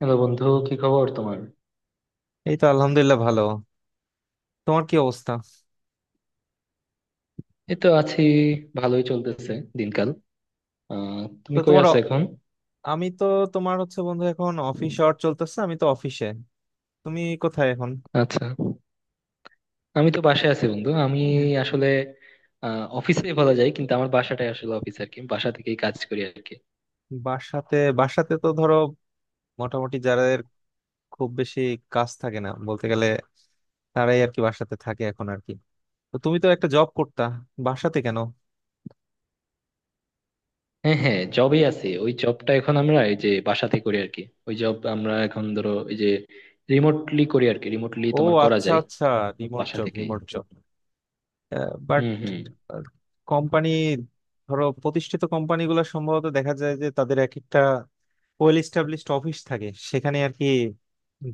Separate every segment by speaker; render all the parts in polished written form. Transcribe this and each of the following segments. Speaker 1: Hello বন্ধু, কি খবর তোমার?
Speaker 2: এই তো আলহামদুলিল্লাহ ভালো। তোমার কি অবস্থা?
Speaker 1: এই তো আছি, ভালোই চলতেছে দিনকাল।
Speaker 2: তো
Speaker 1: তুমি কই
Speaker 2: তোমার অ-
Speaker 1: আছো এখন?
Speaker 2: আমি তো তোমার হচ্ছে বন্ধু এখন অফিস আওয়ার চলতেছে, আমি তো অফিসে। তুমি কোথায় এখন?
Speaker 1: আচ্ছা, আমি তো বাসায় আছি বন্ধু। আমি
Speaker 2: উম,
Speaker 1: আসলে অফিসে বলা যায়, কিন্তু আমার বাসাটাই আসলে অফিস আর কি, বাসা থেকেই কাজ করি আর কি।
Speaker 2: বাসাতে বাসাতে তো ধরো মোটামুটি যাদের খুব বেশি কাজ থাকে না বলতে গেলে, তারাই আর কি বাসাতে থাকে এখন আর কি। তো তুমি তো একটা জব করতা, বাসাতে কেন?
Speaker 1: হ্যাঁ হ্যাঁ, জবেই আছি। ওই জবটা এখন আমরা এই যে বাসাতে করি আর কি। ওই জব আমরা এখন ধরো এই যে রিমোটলি করি আর কি, রিমোটলি
Speaker 2: ও,
Speaker 1: তোমার করা
Speaker 2: আচ্ছা
Speaker 1: যায়
Speaker 2: আচ্ছা। রিমোট
Speaker 1: বাসা
Speaker 2: জব
Speaker 1: থেকেই।
Speaker 2: রিমোট জব বাট
Speaker 1: হুম হুম।
Speaker 2: কোম্পানি, ধরো প্রতিষ্ঠিত কোম্পানিগুলো সম্ভবত দেখা যায় যে তাদের এক একটা ওয়েল এস্টাবলিশড অফিস থাকে, সেখানে আর কি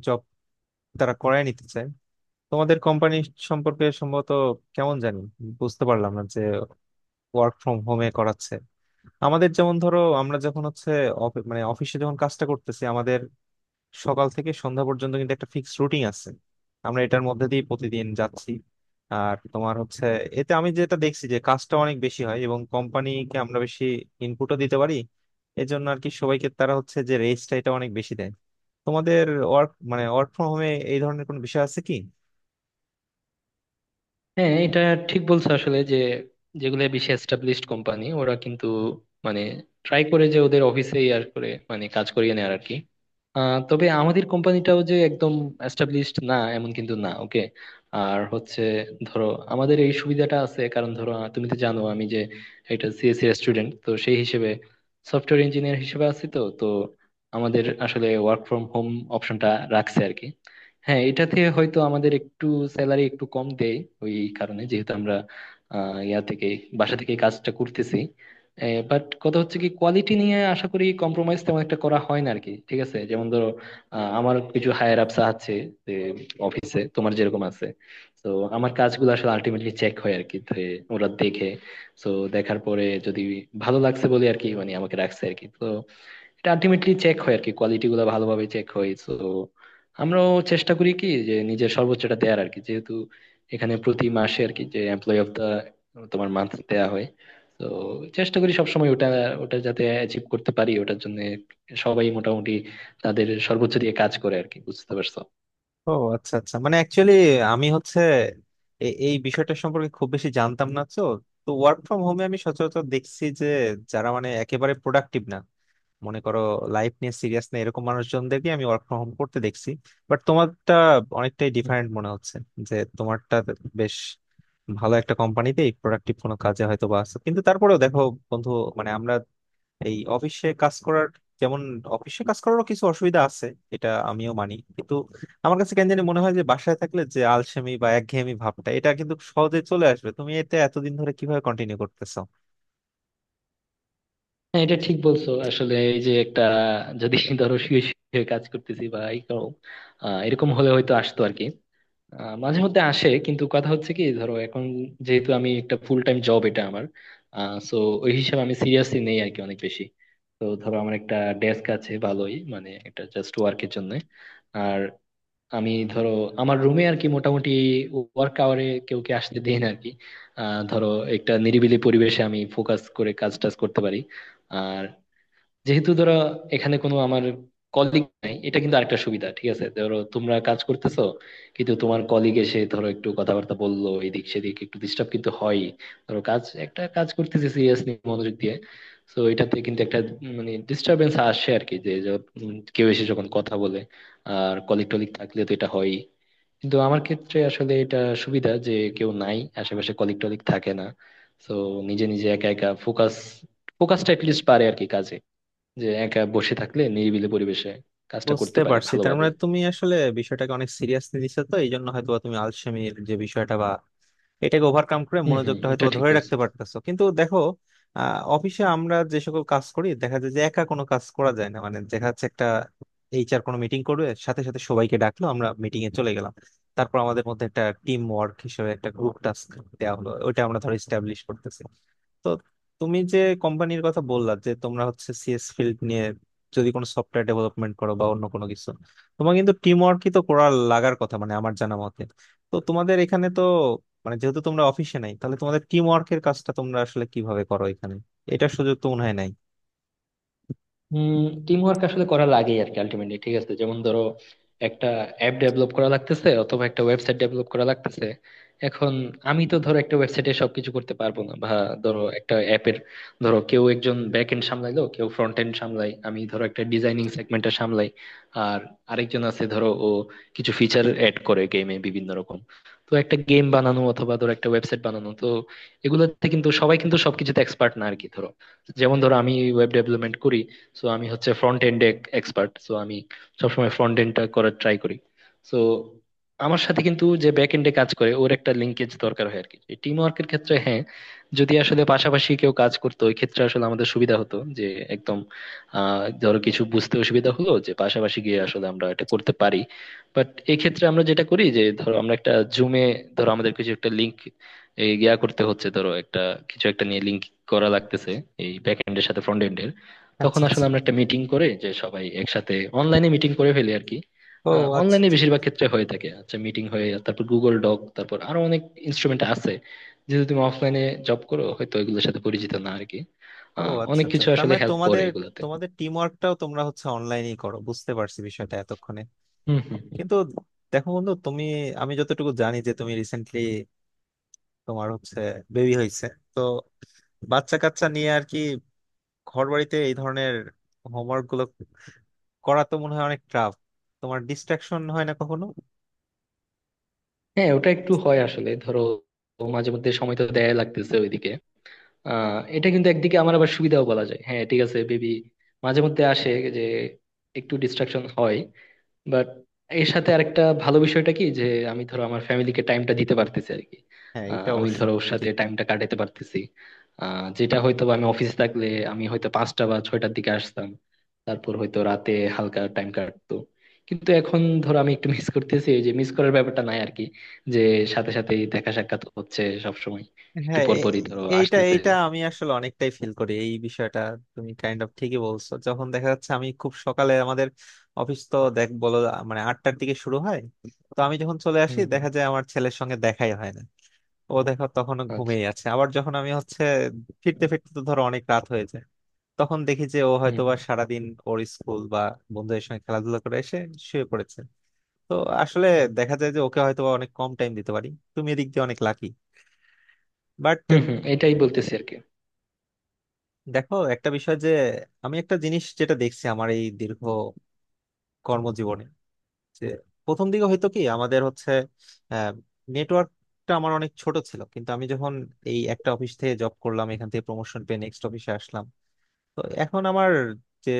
Speaker 2: জব তারা করায় নিতে চায়। তোমাদের কোম্পানি সম্পর্কে সম্ভবত কেমন জানি বুঝতে পারলাম না যে ওয়ার্ক ফ্রম হোমে করাচ্ছে। আমাদের যেমন ধরো আমরা যখন হচ্ছে অফিসে যখন কাজটা করতেছি, আমাদের সকাল থেকে সন্ধ্যা পর্যন্ত কিন্তু একটা ফিক্সড রুটিন আছে, আমরা এটার মধ্যে দিয়ে প্রতিদিন যাচ্ছি। আর তোমার হচ্ছে, এতে আমি যেটা দেখছি যে কাজটা অনেক বেশি হয় এবং কোম্পানিকে আমরা বেশি ইনপুটও দিতে পারি। এই জন্য আর কি সবাইকে তারা হচ্ছে যে রেসটা এটা অনেক বেশি দেয়। তোমাদের ওয়ার্ক মানে ওয়ার্ক ফ্রম হোমে এই ধরনের কোনো বিষয় আছে কি?
Speaker 1: হ্যাঁ, এটা ঠিক বলছো আসলে। যে যেগুলো বেশি এস্টাবলিশড কোম্পানি ওরা কিন্তু মানে ট্রাই করে যে ওদের অফিসেই আর করে, মানে কাজ করিয়ে নেয় আর কি। তবে আমাদের কোম্পানিটাও যে একদম এস্টাবলিশড না এমন কিন্তু না, ওকে। আর হচ্ছে ধরো আমাদের এই সুবিধাটা আছে, কারণ ধরো তুমি তো জানো আমি যে এটা সিএসসি স্টুডেন্ট, তো সেই হিসেবে সফটওয়্যার ইঞ্জিনিয়ার হিসেবে আছি। তো তো আমাদের আসলে ওয়ার্ক ফ্রম হোম অপশনটা রাখছে আর কি। হ্যাঁ, এটাতে হয়তো আমাদের একটু স্যালারি একটু কম দেয় ওই কারণে, যেহেতু আমরা আহ, ইয়া থেকে বাসা থেকে কাজটা করতেছি। বাট কথা হচ্ছে কি, কোয়ালিটি নিয়ে আশা করি কম্প্রোমাইজ তেমন একটা করা হয় না আর কি, ঠিক আছে। যেমন ধরো আমার কিছু হায়ার আপস আছে, যে অফিসে তোমার যেরকম আছে। তো আমার কাজগুলো আসলে আলটিমেটলি চেক হয় আর কি। তো ওরা দেখে, তো দেখার পরে যদি ভালো লাগছে বলে আর কি, মানে আমাকে রাখছে আর কি। তো এটা আলটিমেটলি চেক হয় আর কি, কোয়ালিটি গুলো ভালোভাবে চেক হয়। তো আমরাও চেষ্টা করি কি, যে নিজের সর্বোচ্চটা দেওয়ার আর কি, যেহেতু এখানে প্রতি মাসে আর কি যে এমপ্লয় অফ দা তোমার মান্থ দেয়া হয়। তো চেষ্টা করি সবসময় ওটা ওটা যাতে অ্যাচিভ করতে পারি। ওটার জন্য সবাই মোটামুটি তাদের সর্বোচ্চ দিয়ে কাজ করে আর কি, বুঝতে পারছো?
Speaker 2: ও আচ্ছা আচ্ছা, মানে অ্যাকচুয়ালি আমি হচ্ছে এই বিষয়টা সম্পর্কে খুব বেশি জানতাম না তো। তো ওয়ার্ক ফ্রম হোমে আমি সচরাচর দেখছি যে যারা মানে একেবারে প্রোডাক্টিভ না, মনে করো লাইফ নিয়ে সিরিয়াস না, এরকম মানুষজনদেরকে আমি ওয়ার্ক ফ্রম হোম করতে দেখছি। বাট তোমারটা অনেকটাই
Speaker 1: হুম,
Speaker 2: ডিফারেন্ট
Speaker 1: হুম।
Speaker 2: মনে হচ্ছে, যে তোমারটা বেশ ভালো একটা কোম্পানিতে প্রোডাক্টিভ কোনো কাজে হয়তো বা আছে। কিন্তু তারপরেও দেখো বন্ধু, মানে আমরা এই অফিসে কাজ করার, যেমন অফিসে কাজ করারও কিছু অসুবিধা আছে, এটা আমিও মানি। কিন্তু আমার কাছে কেন জানি মনে হয় যে বাসায় থাকলে যে আলসেমি বা একঘেয়েমি ভাবটা এটা কিন্তু সহজে চলে আসবে। তুমি এটা এতদিন ধরে কিভাবে কন্টিনিউ করতেছো?
Speaker 1: হ্যাঁ এটা ঠিক বলছো আসলে। এই যে একটা, যদি ধরো শুয়ে শুয়ে কাজ করতেছি বা এই করো, এরকম হলে হয়তো আসতো আর কি। মাঝে মধ্যে আসে, কিন্তু কথা হচ্ছে কি, ধরো এখন যেহেতু আমি একটা ফুল টাইম জব এটা আমার, সো ওই হিসাবে আমি সিরিয়াসলি নেই আর কি অনেক বেশি। তো ধরো আমার একটা ডেস্ক আছে ভালোই, মানে এটা জাস্ট ওয়ার্কের জন্য। আর আমি ধরো আমার রুমে আর কি মোটামুটি ওয়ার্ক আওয়ারে কেউ কে আসতে দেই না আর কি। ধরো একটা নিরিবিলি পরিবেশে আমি ফোকাস করে কাজ টাজ করতে পারি। আর যেহেতু ধরো এখানে কোনো আমার কলিগ নাই, এটা কিন্তু আরেকটা সুবিধা, ঠিক আছে। ধরো তোমরা কাজ করতেছো, কিন্তু তোমার কলিগ এসে ধরো একটু কথাবার্তা বললো এদিক সেদিক, একটু ডিস্টার্ব কিন্তু হয়। ধরো কাজ একটা কাজ করতেছি সিরিয়াসলি মনোযোগ দিয়ে, তো এটাতে কিন্তু একটা মানে ডিস্টারবেন্স আসে আর কি, যে কেউ এসে যখন কথা বলে। আর কলিগ টলিগ থাকলে তো এটা হয়, কিন্তু আমার ক্ষেত্রে আসলে এটা সুবিধা যে কেউ নাই আশেপাশে, কলিগ টলিগ থাকে না। তো নিজে নিজে একা একা ফোকাসটা লিস্ট পারে আর কি, যে একা বসে থাকলে নিরিবিলি পরিবেশে কাজটা করতে
Speaker 2: বুঝতে
Speaker 1: পারি
Speaker 2: পারছি, তার
Speaker 1: ভালোভাবে।
Speaker 2: মানে তুমি আসলে বিষয়টাকে অনেক সিরিয়াসলি নিছো। তো এই জন্য হয়তো তুমি আলসেমির যে বিষয়টা বা এটাকে ওভারকাম করে
Speaker 1: হম হম,
Speaker 2: মনোযোগটা হয়তো
Speaker 1: এটা
Speaker 2: বা
Speaker 1: ঠিক
Speaker 2: ধরে
Speaker 1: বলছো।
Speaker 2: রাখতে পারতেছো। কিন্তু দেখো, অফিসে আমরা যে সকল কাজ করি দেখা যায় যে একা কোনো কাজ করা যায় না, মানে দেখা যাচ্ছে একটা এইচআর কোনো মিটিং করবে সাথে সাথে সবাইকে ডাকলো, আমরা মিটিং এ চলে গেলাম। তারপর আমাদের মধ্যে একটা টিম ওয়ার্ক হিসেবে একটা গ্রুপ টাস্ক দেওয়া হলো, ওইটা আমরা ধরো স্টাবলিশ করতেছি। তো তুমি যে কোম্পানির কথা বললা যে তোমরা হচ্ছে সিএস ফিল্ড নিয়ে যদি কোনো সফটওয়্যার ডেভেলপমেন্ট করো বা অন্য কোনো কিছু, তোমার কিন্তু টিম ওয়ার্কই তো করার লাগার কথা মানে আমার জানা মতে। তো তোমাদের এখানে তো, মানে যেহেতু তোমরা অফিসে নাই, তাহলে তোমাদের টিম ওয়ার্কের কাজটা তোমরা আসলে কিভাবে করো এখানে? এটার সুযোগ তো মনে হয় নাই।
Speaker 1: হম, টিম ওয়ার্ক আসলে করা লাগে আর কি আলটিমেটলি, ঠিক আছে। যেমন ধরো একটা অ্যাপ ডেভেলপ করা লাগতেছে অথবা একটা ওয়েবসাইট ডেভেলপ করা লাগতেছে। এখন আমি তো ধরো একটা ওয়েবসাইটে সবকিছু করতে পারবো না, বা ধরো একটা অ্যাপের, ধরো কেউ একজন ব্যাক এন্ড সামলাইলো, কেউ ফ্রন্ট এন্ড সামলাই, আমি ধরো একটা ডিজাইনিং সেগমেন্টটা সামলাই। আর আরেকজন আছে ধরো, ও কিছু ফিচার অ্যাড করে গেমে বিভিন্ন রকম। তো একটা গেম বানানো অথবা ধরো একটা ওয়েবসাইট বানানো, তো এগুলোতে কিন্তু সবাই কিন্তু সবকিছুতে এক্সপার্ট না আর কি। ধরো, যেমন ধরো আমি ওয়েব ডেভেলপমেন্ট করি, সো আমি হচ্ছে ফ্রন্ট এন্ড এক্সপার্ট, সো আমি সবসময় ফ্রন্ট এন্ডটা করার ট্রাই করি। সো আমার সাথে কিন্তু যে ব্যাক এন্ডে কাজ করে, ওর একটা লিঙ্কেজ দরকার হয় আর কি, টিম ওয়ার্কের ক্ষেত্রে। হ্যাঁ, যদি আসলে পাশাপাশি কেউ কাজ করতো ওই ক্ষেত্রে আসলে আমাদের সুবিধা হতো, যে একদম ধরো কিছু বুঝতে অসুবিধা হলো যে পাশাপাশি গিয়ে আসলে আমরা এটা করতে পারি। বাট এই ক্ষেত্রে আমরা যেটা করি, যে ধরো আমরা একটা জুমে, ধরো আমাদের কিছু একটা লিঙ্ক করতে হচ্ছে, ধরো একটা কিছু একটা নিয়ে লিঙ্ক করা লাগতেছে এই ব্যাক এন্ডের সাথে ফ্রন্ট এন্ডের।
Speaker 2: আচ্ছা
Speaker 1: তখন আসলে
Speaker 2: আচ্ছা।
Speaker 1: আমরা একটা মিটিং করে, যে সবাই একসাথে অনলাইনে মিটিং করে ফেলি আর কি।
Speaker 2: ও আচ্ছা
Speaker 1: অনলাইনে
Speaker 2: আচ্ছা।
Speaker 1: বেশিরভাগ ক্ষেত্রে হয়ে থাকে। আচ্ছা, মিটিং হয়ে তারপর গুগল ডক, তারপর আরো অনেক ইনস্ট্রুমেন্ট আছে। যেহেতু তুমি অফলাইনে জব করো, হয়তো এগুলোর সাথে পরিচিত না আর কি।
Speaker 2: ও আচ্ছা
Speaker 1: অনেক
Speaker 2: আচ্ছা,
Speaker 1: কিছু
Speaker 2: তার
Speaker 1: আসলে
Speaker 2: মানে
Speaker 1: হেল্প করে
Speaker 2: তোমাদের
Speaker 1: এগুলোতে।
Speaker 2: তোমাদের টিম ওয়ার্কটাও তোমরা হচ্ছে অনলাইনেই করো, বুঝতে পারছি বিষয়টা এতক্ষণে।
Speaker 1: হম হম।
Speaker 2: কিন্তু দেখো বন্ধু, তুমি, আমি যতটুকু জানি যে তুমি রিসেন্টলি তোমার হচ্ছে বেবি হয়েছে। তো বাচ্চা কাচ্চা নিয়ে আর কি ঘর বাড়িতে এই ধরনের হোমওয়ার্ক গুলো করা তো মনে হয় অনেক টাফ। তোমার ডিস্ট্রাকশন হয় না কখনো?
Speaker 1: হ্যাঁ, ওটা একটু হয় আসলে, ধরো ও মাঝে মধ্যে সময় তো দেয়া লাগতেছে ওইদিকে। এটা কিন্তু একদিকে আমার আবার সুবিধাও বলা যায়, হ্যাঁ ঠিক আছে। বেবি মাঝে মধ্যে আসে, যে একটু ডিস্ট্রাকশন হয়, বাট এর সাথে আরেকটা ভালো বিষয়টা কি, যে আমি ধরো আমার ফ্যামিলিকে টাইমটা দিতে পারতেছি আর কি।
Speaker 2: হ্যাঁ এটা
Speaker 1: আমি
Speaker 2: অবশ্য
Speaker 1: ধরো ওর সাথে
Speaker 2: ঠিক।
Speaker 1: টাইমটা কাটাতে পারতেছি। যেটা হয়তো বা আমি অফিসে থাকলে আমি হয়তো 5টা বা 6টার দিকে আসতাম, তারপর হয়তো রাতে হালকা টাইম কাটতো। কিন্তু এখন ধরো আমি একটু মিস করতেছি, এই যে মিস করার ব্যাপারটা নাই আর কি, যে সাথে সাথে দেখা সাক্ষাৎ হচ্ছে সব সময়, একটু
Speaker 2: হ্যাঁ
Speaker 1: পর পরই ধরো
Speaker 2: এইটা
Speaker 1: আসতেছে।
Speaker 2: এইটা আমি আসলে অনেকটাই ফিল করি এই বিষয়টা। তুমি কাইন্ড অফ ঠিকই বলছো, যখন দেখা যাচ্ছে আমি খুব সকালে আমাদের অফিস তো দেখ বলো মানে আটটার দিকে শুরু হয়। তো আমি যখন চলে আসি
Speaker 1: হুম হুম।
Speaker 2: দেখা যায় আমার ছেলের সঙ্গে দেখাই হয় না, ও দেখো তখনও
Speaker 1: আচ্ছা।
Speaker 2: ঘুমিয়ে আছে। আবার যখন আমি হচ্ছে ফিরতে ফিরতে তো ধরো অনেক রাত হয়েছে, তখন দেখি যে ও
Speaker 1: হুম
Speaker 2: হয়তো বা
Speaker 1: হুম
Speaker 2: সারাদিন ওর স্কুল বা বন্ধুদের সঙ্গে খেলাধুলা করে এসে শুয়ে পড়েছে। তো আসলে দেখা যায় যে ওকে হয়তো বা অনেক কম টাইম দিতে পারি। তুমি এদিক দিয়ে অনেক লাকি। বাট
Speaker 1: হুম। হুম এটাই বলতেছি আর কি।
Speaker 2: দেখো একটা বিষয় যে আমি একটা জিনিস যেটা দেখছি আমার এই দীর্ঘ কর্মজীবনে, যে প্রথম দিকে হয়তো কি আমাদের হচ্ছে নেটওয়ার্কটা আমার অনেক ছোট ছিল। কিন্তু আমি যখন এই একটা অফিস থেকে জব করলাম এখান থেকে প্রমোশন পেয়ে নেক্সট অফিসে আসলাম, তো এখন আমার যে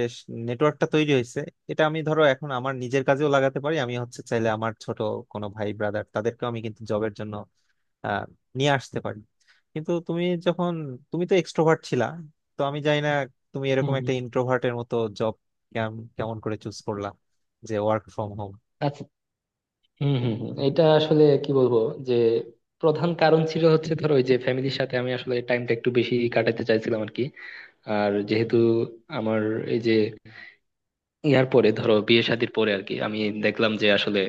Speaker 2: নেটওয়ার্কটা তৈরি হয়েছে এটা আমি ধরো এখন আমার নিজের কাজেও লাগাতে পারি। আমি হচ্ছে চাইলে আমার ছোট কোনো ভাই ব্রাদার তাদেরকেও আমি কিন্তু জবের জন্য আহ, নিয়ে আসতে পারি। কিন্তু তুমি যখন, তুমি তো এক্সট্রোভার্ট ছিলা, তো আমি জানি না তুমি
Speaker 1: হুম
Speaker 2: এরকম
Speaker 1: হুম।
Speaker 2: একটা ইন্ট্রোভার্টের মতো জব কেমন করে চুজ করলা যে ওয়ার্ক ফ্রম হোম।
Speaker 1: আচ্ছা। হম হম হম এটা আসলে কি বলবো, যে প্রধান কারণ ছিল হচ্ছে ধরো ওই যে ফ্যামিলির সাথে আমি আসলে টাইমটা একটু বেশি কাটাতে চাইছিলাম আর কি। আর যেহেতু আমার এই যে পরে ধরো বিয়ে শাদীর পরে আর কি, আমি দেখলাম যে আসলে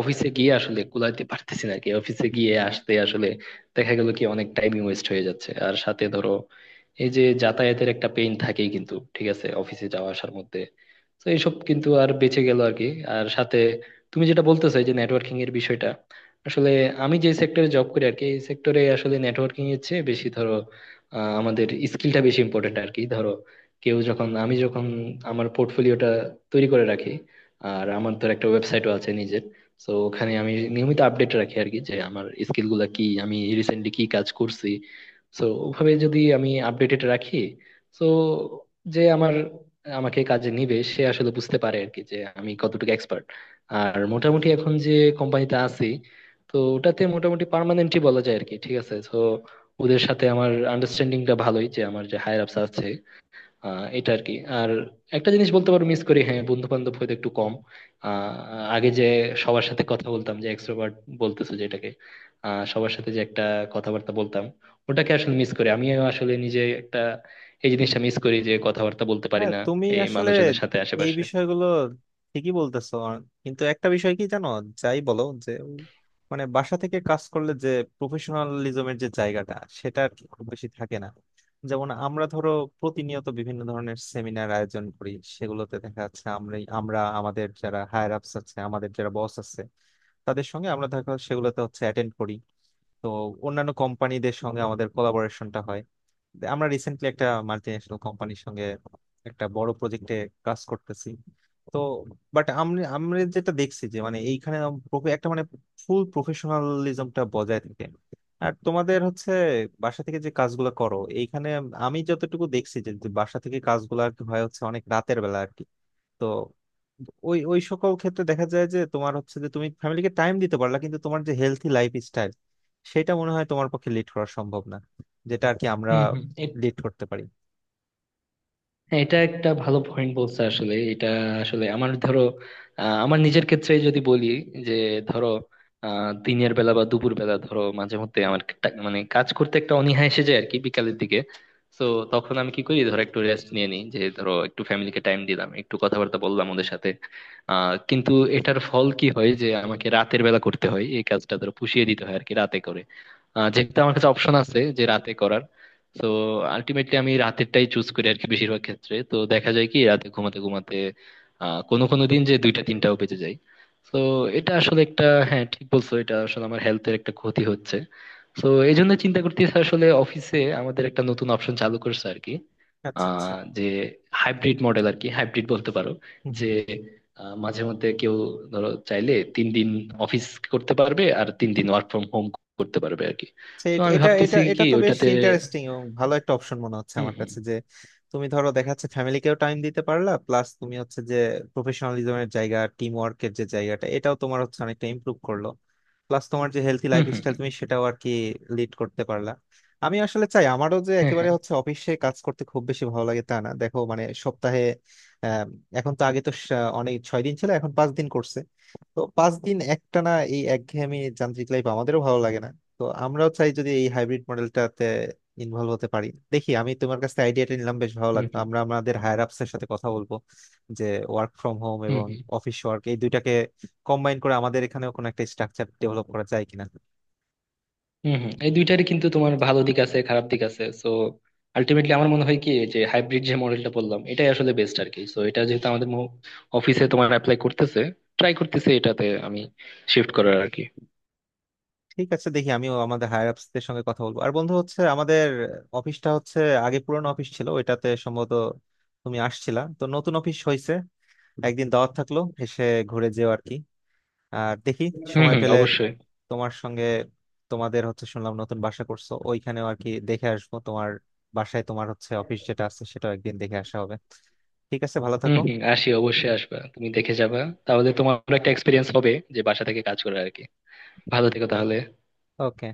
Speaker 1: অফিসে গিয়ে আসলে কুলাইতে পারতেছি না আর কি। অফিসে গিয়ে আসতে আসলে দেখা গেল কি অনেক টাইম ওয়েস্ট হয়ে যাচ্ছে। আর সাথে ধরো এই যে যাতায়াতের একটা পেইন থাকেই কিন্তু, ঠিক আছে, অফিসে যাওয়া আসার মধ্যে। তো এইসব কিন্তু আর বেঁচে গেল আর কি। আর সাথে তুমি যেটা বলতেছো এই যে নেটওয়ার্কিং এর বিষয়টা, আসলে আমি যে সেক্টরে জব করি আর কি, এই সেক্টরে আসলে নেটওয়ার্কিং এর চেয়ে বেশি ধরো আমাদের স্কিলটা বেশি ইম্পর্টেন্ট আর কি। ধরো, কেউ যখন আমি যখন আমার পোর্টফোলিওটা তৈরি করে রাখি, আর আমার ধর একটা ওয়েবসাইটও আছে নিজের, তো ওখানে আমি নিয়মিত আপডেট রাখি আর কি, যে আমার স্কিল গুলা কি, আমি রিসেন্টলি কি কাজ করছি। তো ওভাবে যদি আমি আপডেটেড রাখি, তো যে আমার আমাকে কাজে নিবে সে আসলে বুঝতে পারে আর কি, যে আমি কতটুকু এক্সপার্ট। আর মোটামুটি এখন যে কোম্পানিতে আছি, তো ওটাতে মোটামুটি পার্মানেন্টই বলা যায় আর কি, ঠিক আছে। তো ওদের সাথে আমার আন্ডারস্ট্যান্ডিংটা ভালোই, যে আমার যে হায়ার আপস আছে এটা আর কি। আর একটা জিনিস বলতে পারো মিস করি, হ্যাঁ, বন্ধু বান্ধব হয়তো একটু কম। আহ আগে যে সবার সাথে কথা বলতাম, যে এক্সট্রোভার্ট বলতেছো যেটাকে, সবার সাথে যে একটা কথাবার্তা বলতাম, ওটাকে আসলে মিস করি। আমিও আসলে নিজে একটা এই জিনিসটা মিস করি, যে কথাবার্তা বলতে পারি
Speaker 2: হ্যাঁ
Speaker 1: না
Speaker 2: তুমি
Speaker 1: এই
Speaker 2: আসলে
Speaker 1: মানুষজনের সাথে
Speaker 2: এই
Speaker 1: আশেপাশে।
Speaker 2: বিষয়গুলো ঠিকই বলতেছো আর- কিন্তু একটা বিষয় কি জানো, যাই বলো যে মানে বাসা থেকে কাজ করলে যে প্রফেশনালিজমের যে জায়গাটা সেটা আর কি খুব বেশি থাকে না। যেমন আমরা ধরো প্রতিনিয়ত বিভিন্ন ধরনের সেমিনার আয়োজন করি, সেগুলোতে দেখা যাচ্ছে আমরা আমরা আমাদের যারা হায়ার আপস আছে আমাদের যারা বস আছে তাদের সঙ্গে আমরা দেখা সেগুলোতে হচ্ছে অ্যাটেন্ড করি। তো অন্যান্য কোম্পানিদের সঙ্গে আমাদের কোলাবোরেশনটা হয়, আমরা রিসেন্টলি একটা মাল্টি ন্যাশনাল কোম্পানির সঙ্গে একটা বড় প্রজেক্টে কাজ করতেছি। তো বাট আমি আমরা যেটা দেখছি যে মানে এইখানে একটা মানে ফুল প্রফেশনালিজমটা বজায় থাকে। আর তোমাদের হচ্ছে বাসা থেকে যে কাজগুলো করো এইখানে আমি যতটুকু দেখছি যে যে বাসা থেকে কাজগুলো আর কি হয় হচ্ছে অনেক রাতের বেলা আর কি। তো ওই ওই সকল ক্ষেত্রে দেখা যায় যে তোমার হচ্ছে যে তুমি ফ্যামিলিকে টাইম দিতে পারলা কিন্তু তোমার যে হেলথি লাইফ স্টাইল সেটা মনে হয় তোমার পক্ষে লিড করা সম্ভব না, যেটা আর কি আমরা
Speaker 1: হম হম।
Speaker 2: লিড করতে পারি।
Speaker 1: হ্যাঁ, এটা একটা ভালো পয়েন্ট বলছে আসলে এটা। আসলে আমার ধরো আমার নিজের ক্ষেত্রে যদি বলি, যে ধরো দিনের বেলা বা দুপুর বেলা ধরো মাঝে মধ্যে আমার একটা- মানে কাজ করতে একটা অনীহা এসে যায় আর কি, বিকালের দিকে। তো তখন আমি কি করি, ধরো একটু রেস্ট নিয়ে নিই, যে ধরো একটু ফ্যামিলিকে টাইম দিলাম, একটু কথাবার্তা বললাম ওদের সাথে। কিন্তু এটার ফল কি হয়, যে আমাকে রাতের বেলা করতে হয় এই কাজটা, ধরো পুষিয়ে দিতে হয় আর কি, রাতে করে। যেহেতু আমার কাছে অপশন আছে যে রাতে করার, তো আলটিমেটলি আমি রাতেরটাই চুজ করি আর কি বেশিরভাগ ক্ষেত্রে। তো দেখা যায় কি রাতে ঘুমাতে ঘুমাতে কোনো কোনো দিন যে দুইটা তিনটাও বেজে যায়। তো এটা আসলে একটা, হ্যাঁ, ঠিক বলছো, এটা আসলে আমার হেলথের একটা ক্ষতি হচ্ছে। তো এই জন্য চিন্তা করতেছি, আসলে অফিসে আমাদের একটা নতুন অপশন চালু করছে আর কি,
Speaker 2: আচ্ছা আচ্ছা।
Speaker 1: যে হাইব্রিড মডেল আর কি, হাইব্রিড বলতে পারো।
Speaker 2: হুম
Speaker 1: যে
Speaker 2: হুম।
Speaker 1: মাঝে মধ্যে কেউ ধরো চাইলে 3 দিন অফিস করতে পারবে আর 3 দিন ওয়ার্ক ফ্রম হোম করতে পারবে আর কি।
Speaker 2: সে
Speaker 1: তো আমি
Speaker 2: এটা এটা
Speaker 1: ভাবতেছি
Speaker 2: এটা
Speaker 1: কি
Speaker 2: তো বেশ
Speaker 1: ওইটাতে।
Speaker 2: ইন্টারেস্টিং এবং ভালো একটা অপশন মনে হচ্ছে
Speaker 1: হুম
Speaker 2: আমার
Speaker 1: হুম
Speaker 2: কাছে, যে তুমি ধরো দেখা যাচ্ছে ফ্যামিলিকেও টাইম দিতে পারলা প্লাস তুমি হচ্ছে যে প্রফেশনালিজমের জায়গা টিম ওয়ার্কের যে জায়গাটা এটাও তোমার হচ্ছে অনেকটা ইমপ্রুভ করলো, প্লাস তোমার যে হেলথি
Speaker 1: হুম। হুম
Speaker 2: লাইফস্টাইল
Speaker 1: হুম।
Speaker 2: তুমি সেটাও আর কি লিড করতে পারলা। আমি আসলে চাই আমারও যে
Speaker 1: হ্যাঁ
Speaker 2: একেবারে
Speaker 1: হ্যাঁ।
Speaker 2: হচ্ছে অফিসে কাজ করতে খুব বেশি ভালো লাগে তা না, দেখো মানে সপ্তাহে আম, এখন তো আগে তো অনেক 6 দিন ছিল এখন 5 দিন করছে। তো 5 দিন একটানা এই একঘেয়েমি যান্ত্রিক লাইফ আমাদেরও ভালো লাগে না। তো আমরাও চাই যদি এই হাইব্রিড মডেলটাতে ইনভলভ হতে পারি, দেখি আমি তোমার কাছে আইডিয়াটা নিলাম বেশ ভালো
Speaker 1: হুম
Speaker 2: লাগলো,
Speaker 1: হুম
Speaker 2: আমরা আমাদের হায়ার আপস এর সাথে কথা বলবো যে ওয়ার্ক ফ্রম হোম
Speaker 1: হুম।
Speaker 2: এবং
Speaker 1: হুম
Speaker 2: অফিস ওয়ার্ক এই দুইটাকে কম্বাইন করে আমাদের এখানেও কোনো একটা স্ট্রাকচার ডেভেলপ করা যায় কিনা।
Speaker 1: হুম। হুম এই দুইটারই কিন্তু তোমার ভালো দিক আছে খারাপ দিক আছে, সো আলটিমেটলি আমার মনে হয় কি, যে হাইব্রিড যে মডেলটা বললাম এটাই আসলে বেস্ট আর কি। সো এটা যেহেতু আমাদের অফিসে তোমার অ্যাপ্লাই করতেছে, ট্রাই করতেছে, এটাতে আমি শিফট করার আর কি।
Speaker 2: ঠিক আছে, দেখি আমিও আমাদের হায়ার আপস দের সঙ্গে কথা বলবো। আর বন্ধু হচ্ছে আমাদের অফিসটা হচ্ছে আগে পুরনো অফিস ছিল, ওইটাতে সম্ভবত তুমি আসছিলা, তো নতুন অফিস হয়েছে। একদিন দাওয়াত থাকলো এসে ঘুরে যেও আর কি। আর দেখি
Speaker 1: হুম
Speaker 2: সময়
Speaker 1: হুম,
Speaker 2: পেলে
Speaker 1: অবশ্যই।
Speaker 2: তোমার সঙ্গে, তোমাদের হচ্ছে শুনলাম নতুন বাসা করছো ওইখানেও আর কি দেখে আসবো। তোমার বাসায় তোমার হচ্ছে অফিস যেটা আছে সেটাও একদিন দেখে আসা হবে। ঠিক আছে, ভালো
Speaker 1: হুম
Speaker 2: থাকো।
Speaker 1: হুম, আসি, অবশ্যই আসবা তুমি দেখে যাবা, তাহলে তোমার একটা এক্সপিরিয়েন্স হবে যে বাসা থেকে কাজ করার আর কি। ভালো থেকো তাহলে।
Speaker 2: ওকে।